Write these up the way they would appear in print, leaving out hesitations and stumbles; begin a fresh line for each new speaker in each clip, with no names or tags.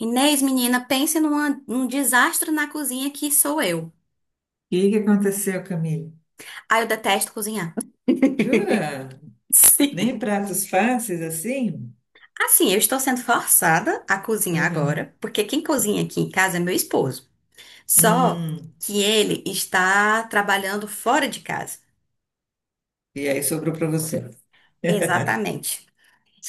Inês, menina, pense num desastre na cozinha que sou eu.
E aí, o que aconteceu, Camille?
Ah, eu detesto cozinhar.
Jura?
Sim.
Nem pratos fáceis assim?
Assim, eu estou sendo forçada a cozinhar
Aham.
agora, porque quem cozinha aqui em casa é meu esposo. Só
Hum.
que ele está trabalhando fora de casa.
E aí sobrou para você.
Exatamente.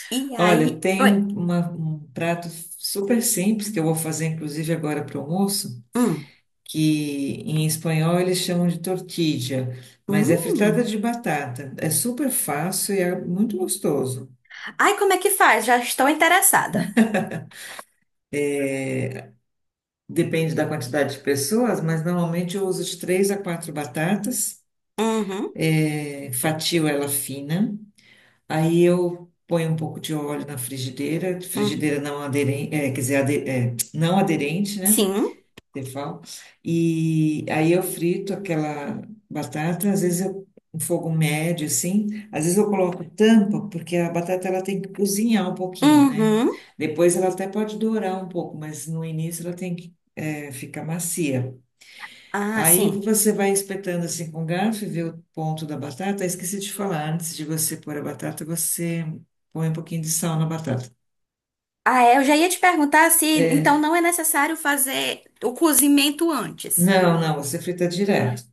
E
Olha,
aí.
tem
Oi.
um prato super simples que eu vou fazer, inclusive, agora para o almoço,
Hum.
que em espanhol eles chamam de tortilla, mas é fritada
Hum.
de batata. É super fácil e é muito gostoso.
Ai, como é que faz? Já estou interessada.
Depende da quantidade de pessoas, mas normalmente eu uso de 3 a 4 batatas,
Uhum.
fatio ela fina. Aí eu ponho um pouco de óleo na frigideira,
Uhum.
frigideira não aderente, é, quer dizer, não aderente, né?
Sim.
Tefal. E aí eu frito aquela batata, às vezes eu um fogo médio, assim, às vezes eu coloco tampa, porque a batata ela tem que cozinhar um pouquinho, né?
Uhum.
Depois ela até pode dourar um pouco, mas no início ela tem que ficar macia.
Ah,
Aí
sim.
você vai espetando assim com garfo e vê o ponto da batata. Esqueci de falar, antes de você pôr a batata, você põe um pouquinho de sal na batata.
Ah, é, eu já ia te perguntar se então
É,
não é necessário fazer o cozimento antes.
não, não, você frita direto,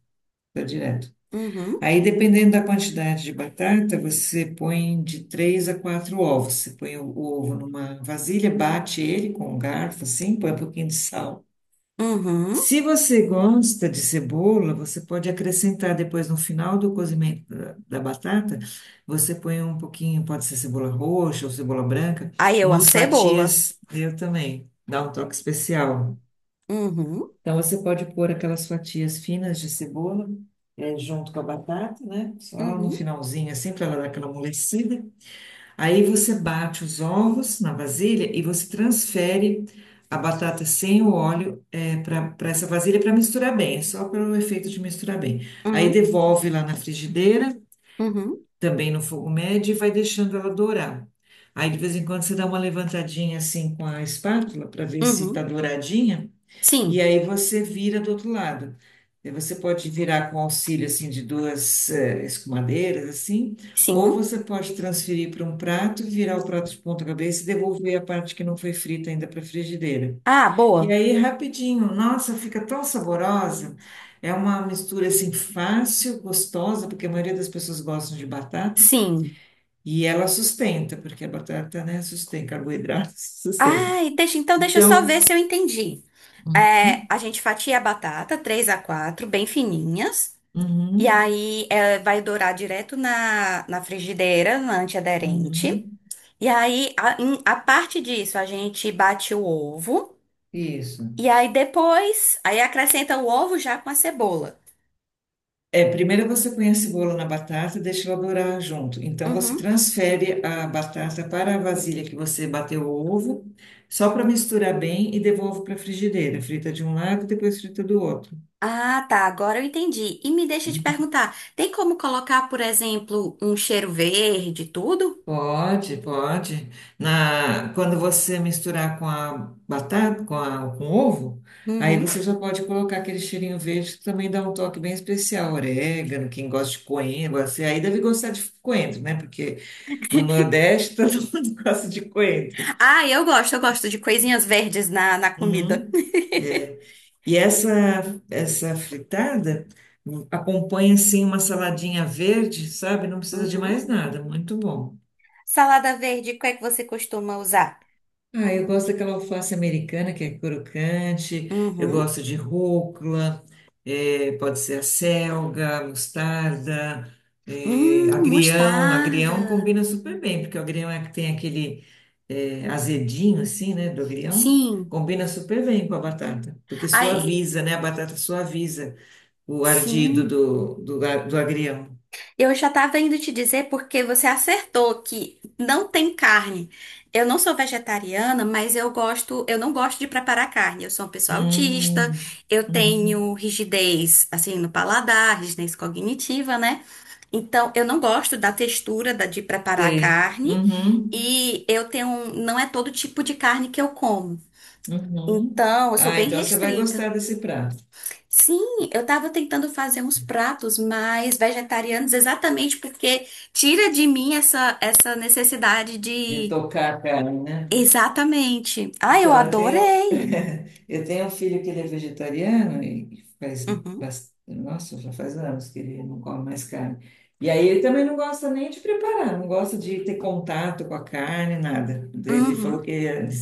frita direto.
Uhum,
Aí, dependendo da quantidade de batata, você põe de 3 a 4 ovos. Você põe o ovo numa vasilha, bate ele com um garfo assim, põe um pouquinho de sal.
uhum.
Se você gosta de cebola, você pode acrescentar depois no final do cozimento da, da batata, você põe um pouquinho, pode ser cebola roxa ou cebola branca,
Aí eu amo
umas
cebola.
fatias, eu também, dá um toque especial.
Uhum,
Então você pode pôr aquelas fatias finas de cebola junto com a batata, né? Só no
uhum,
finalzinho, assim, para ela dar aquela amolecida. Aí você bate os ovos na vasilha e você transfere a batata sem o óleo para essa vasilha para misturar bem, é só pelo efeito de misturar bem. Aí
uhum,
devolve lá na frigideira,
uhum,
também no fogo médio, e vai deixando ela dourar. Aí de vez em quando você dá uma levantadinha assim com a espátula para ver se está
uhum.
douradinha. E
Sim,
aí você vira do outro lado. E você pode virar com auxílio assim de duas escumadeiras assim, ou
sim.
você pode transferir para um prato, virar o prato de ponta cabeça e devolver a parte que não foi frita ainda para a frigideira.
Ah,
E
boa.
aí rapidinho, nossa, fica tão saborosa. É uma mistura assim fácil, gostosa, porque a maioria das pessoas gostam de batata.
Sim.
E ela sustenta, porque a batata, né, sustenta, carboidrato sustenta.
Ai, deixa, então deixa eu só ver
Então,
se eu entendi. É,
uhum,
a gente fatia a batata, três a quatro, bem fininhas. E
uhum,
aí é, vai dourar direto na frigideira, na antiaderente.
uhum.
E aí, a parte disso, a gente bate o ovo.
Isso.
E aí depois, aí acrescenta o ovo já com a cebola.
É, primeiro você põe a cebola na batata e deixa ela dourar junto. Então você
Uhum.
transfere a batata para a vasilha que você bateu o ovo, só para misturar bem e devolve para a frigideira. Frita de um lado, depois frita do outro.
Ah, tá, agora eu entendi. E me deixa te perguntar, tem como colocar, por exemplo, um cheiro verde, e tudo?
Pode, pode. Quando você misturar com a batata, com a, com o ovo, aí
Uhum.
você já pode colocar aquele cheirinho verde que também dá um toque bem especial. Orégano, quem gosta de coentro, você aí deve gostar de coentro, né? Porque no Nordeste, todo mundo gosta de coentro.
Ah, eu gosto de coisinhas verdes na comida.
Uhum. E essa fritada acompanha, assim, uma saladinha verde, sabe? Não precisa de
Uhum.
mais nada, muito bom.
Salada verde, qual é que você costuma usar?
Ah, eu gosto daquela alface americana que é crocante, eu
Uhum.
gosto de rúcula. É, pode ser a selga, a mostarda, agrião.
Mostarda.
Agrião combina super bem, porque o agrião é que tem aquele azedinho, assim, né, do agrião.
Sim.
Combina super bem com a batata, porque
Aí,
suaviza, né? A batata suaviza o ardido
sim.
do agrião.
Eu já estava indo te dizer porque você acertou que não tem carne. Eu não sou vegetariana, mas eu gosto, eu não gosto de preparar carne. Eu sou uma pessoa autista,
Hum,
eu
uhum,
tenho rigidez assim no paladar, rigidez cognitiva, né? Então, eu não gosto da textura de preparar a
sei.
carne
Uhum,
e eu tenho, não é todo tipo de carne que eu como.
uhum.
Então, eu sou
Ah,
bem
então você vai
restrita.
gostar desse prato,
Sim, eu estava tentando fazer uns pratos mais vegetarianos, exatamente porque tira de mim essa, essa necessidade
de
de.
tocar a carne, né?
Exatamente. Ah, eu
Então, eu tenho,
adorei!
eu tenho um filho que ele é vegetariano e faz,
Uhum.
nossa, já faz anos que ele não come mais carne. E aí ele também não gosta nem de preparar, não gosta de ter contato com a carne, nada. Ele falou
Uhum.
que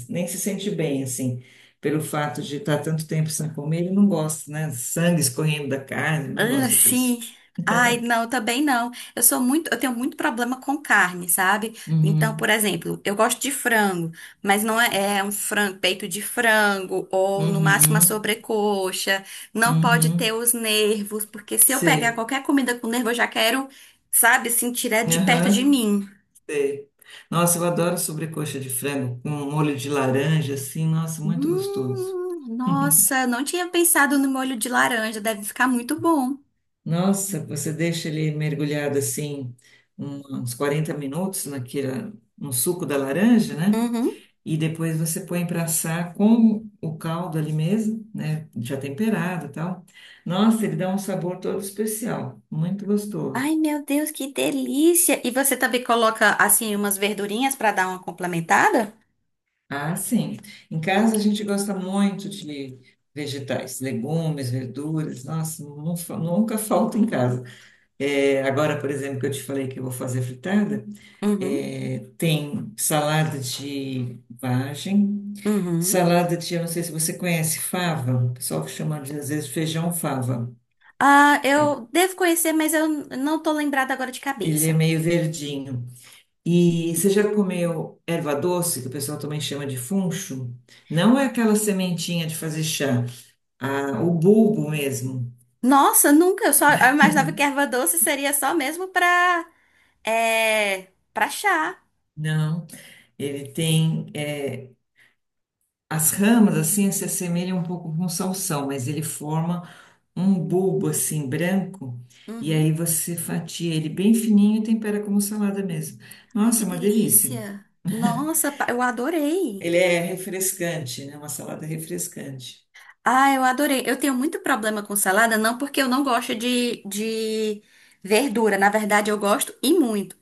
nem se sente bem, assim, pelo fato de estar tanto tempo sem comer, ele não gosta, né? Sangue escorrendo da carne, não
Ah,
gosta disso.
sim. Ai, não, também não. Eu sou muito, eu tenho muito problema com carne, sabe? Então, por
Uhum,
exemplo, eu gosto de frango, mas não é, é um frango, peito de frango ou no máximo a
uhum,
sobrecoxa. Não pode
uhum,
ter os nervos, porque se eu pegar
sei.
qualquer comida com nervo, eu já quero, sabe, assim, tirar de perto de
Aham.
mim.
Sei. Nossa, eu adoro sobrecoxa de frango com molho de laranja, assim, nossa, muito gostoso.
Nossa, não tinha pensado no molho de laranja, deve ficar muito bom.
Nossa, você deixa ele mergulhado assim uns 40 minutos naquela, no suco da laranja, né?
Uhum.
E depois você põe para assar com o caldo ali mesmo, né? Já temperado e tal. Nossa, ele dá um sabor todo especial, muito gostoso.
Ai, meu Deus, que delícia! E você também coloca, assim, umas verdurinhas para dar uma complementada?
Ah, sim. Em casa a gente gosta muito de vegetais, legumes, verduras. Nossa, nunca falta em casa. É, agora, por exemplo, que eu te falei que eu vou fazer fritada,
Uhum,
é, tem salada de vagem,
uhum.
salada de, eu não sei se você conhece, fava, o pessoal que chama de, às vezes, feijão fava.
Ah, eu
É,
devo conhecer, mas eu não tô lembrada agora de
ele é
cabeça.
meio verdinho. E você já comeu erva doce, que o pessoal também chama de funcho? Não é aquela sementinha de fazer chá. A- o bulbo mesmo.
Nossa, nunca. Eu só eu imaginava que erva doce seria só mesmo pra, é, pra chá.
Não, ele tem as ramas assim se assemelham um pouco com salsão, mas ele forma um bulbo assim branco e aí
Uhum.
você fatia ele bem fininho e tempera como salada mesmo.
Ai, que
Nossa, é uma delícia.
delícia! Nossa, eu adorei.
Ele é refrescante, né? Uma salada refrescante.
Ah, eu adorei. Eu tenho muito problema com salada, não porque eu não gosto de verdura. Na verdade, eu gosto e muito.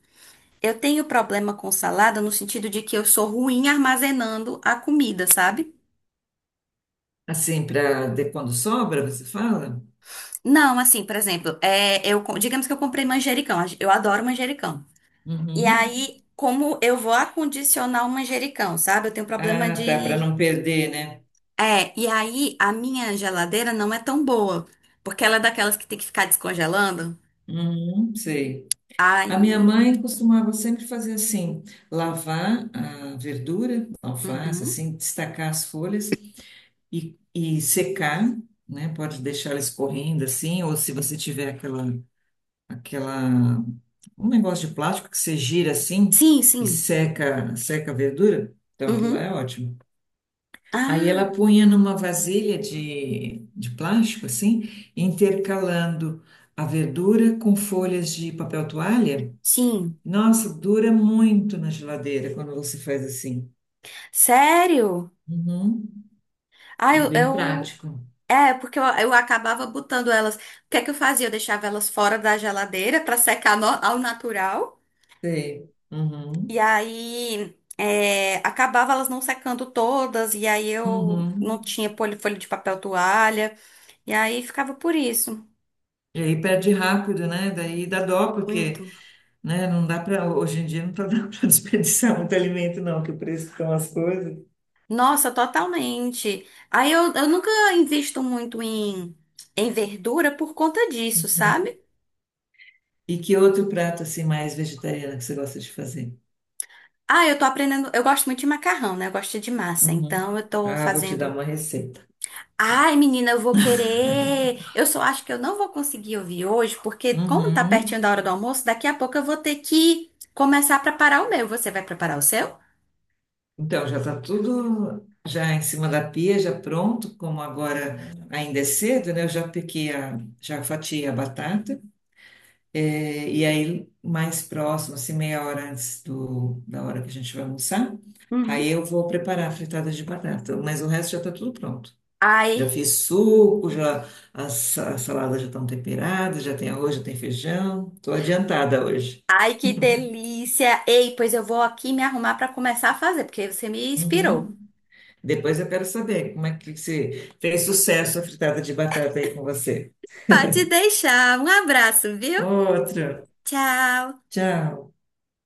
Eu tenho problema com salada no sentido de que eu sou ruim armazenando a comida, sabe?
Assim, para quando sobra, você fala?
Não, assim, por exemplo, é, eu, digamos que eu comprei manjericão, eu adoro manjericão. E
Uhum.
aí, como eu vou acondicionar o manjericão, sabe? Eu tenho problema
Ah, tá, para
de.
não perder, né?
É, e aí a minha geladeira não é tão boa, porque ela é daquelas que tem que ficar descongelando.
Uhum, sei. A minha
Aí.
mãe costumava sempre fazer assim, lavar a verdura, alface,
Uhum.
assim, destacar as folhas e secar, né? Pode deixar ela escorrendo assim, ou se você tiver aquela, aquela, um negócio de plástico que você gira assim
Sim,
e
sim.
seca, seca a verdura, então aquilo lá
Uhum.
é ótimo. Aí ela
Ah,
punha numa vasilha de plástico assim, intercalando a verdura com folhas de papel toalha,
sim.
nossa, dura muito na geladeira quando você faz assim.
Sério?
Uhum.
Ah,
É
eu,
bem
eu
prático.
É, porque eu acabava botando elas. O que é que eu fazia? Eu deixava elas fora da geladeira para secar ao natural.
Sei.
E
Uhum.
aí é, acabava elas não secando todas. E aí eu não
Uhum.
tinha folha de papel toalha. E aí ficava por isso.
E aí perde rápido, né? Daí dá dó, porque,
Muito.
né, não dá para, hoje em dia não tá dando para desperdiçar muito alimento não, que o preço estão as coisas.
Nossa, totalmente. Aí eu nunca invisto muito em, em verdura por conta disso,
Uhum.
sabe?
E que outro prato assim mais vegetariano que você gosta de fazer?
Ah, eu tô aprendendo. Eu gosto muito de macarrão, né? Eu gosto de massa.
Uhum.
Então eu tô
Ah, vou te dar
fazendo.
uma receita.
Ai, menina, eu vou querer. Eu só acho que eu não vou conseguir ouvir hoje, porque como tá
Uhum.
pertinho da hora do almoço, daqui a pouco eu vou ter que começar a preparar o meu. Você vai preparar o seu?
Então, já está tudo já em cima da pia, já pronto, como agora ainda é cedo, né? Eu já piquei já fatiei a batata, e aí mais próximo, assim, meia hora antes do, da hora que a gente vai almoçar, aí
Uhum.
eu vou preparar a fritada de batata, mas o resto já está tudo pronto. Já
Ai,
fiz suco, já as saladas já estão temperadas, já tem arroz, já tem feijão. Estou adiantada hoje.
ai, que delícia! Ei, pois eu vou aqui me arrumar pra começar a fazer, porque você me inspirou.
Uhum. Depois eu quero saber como é que se fez sucesso a fritada de batata aí com você.
Pode deixar. Um abraço, viu?
Outra.
Tchau.
Tchau.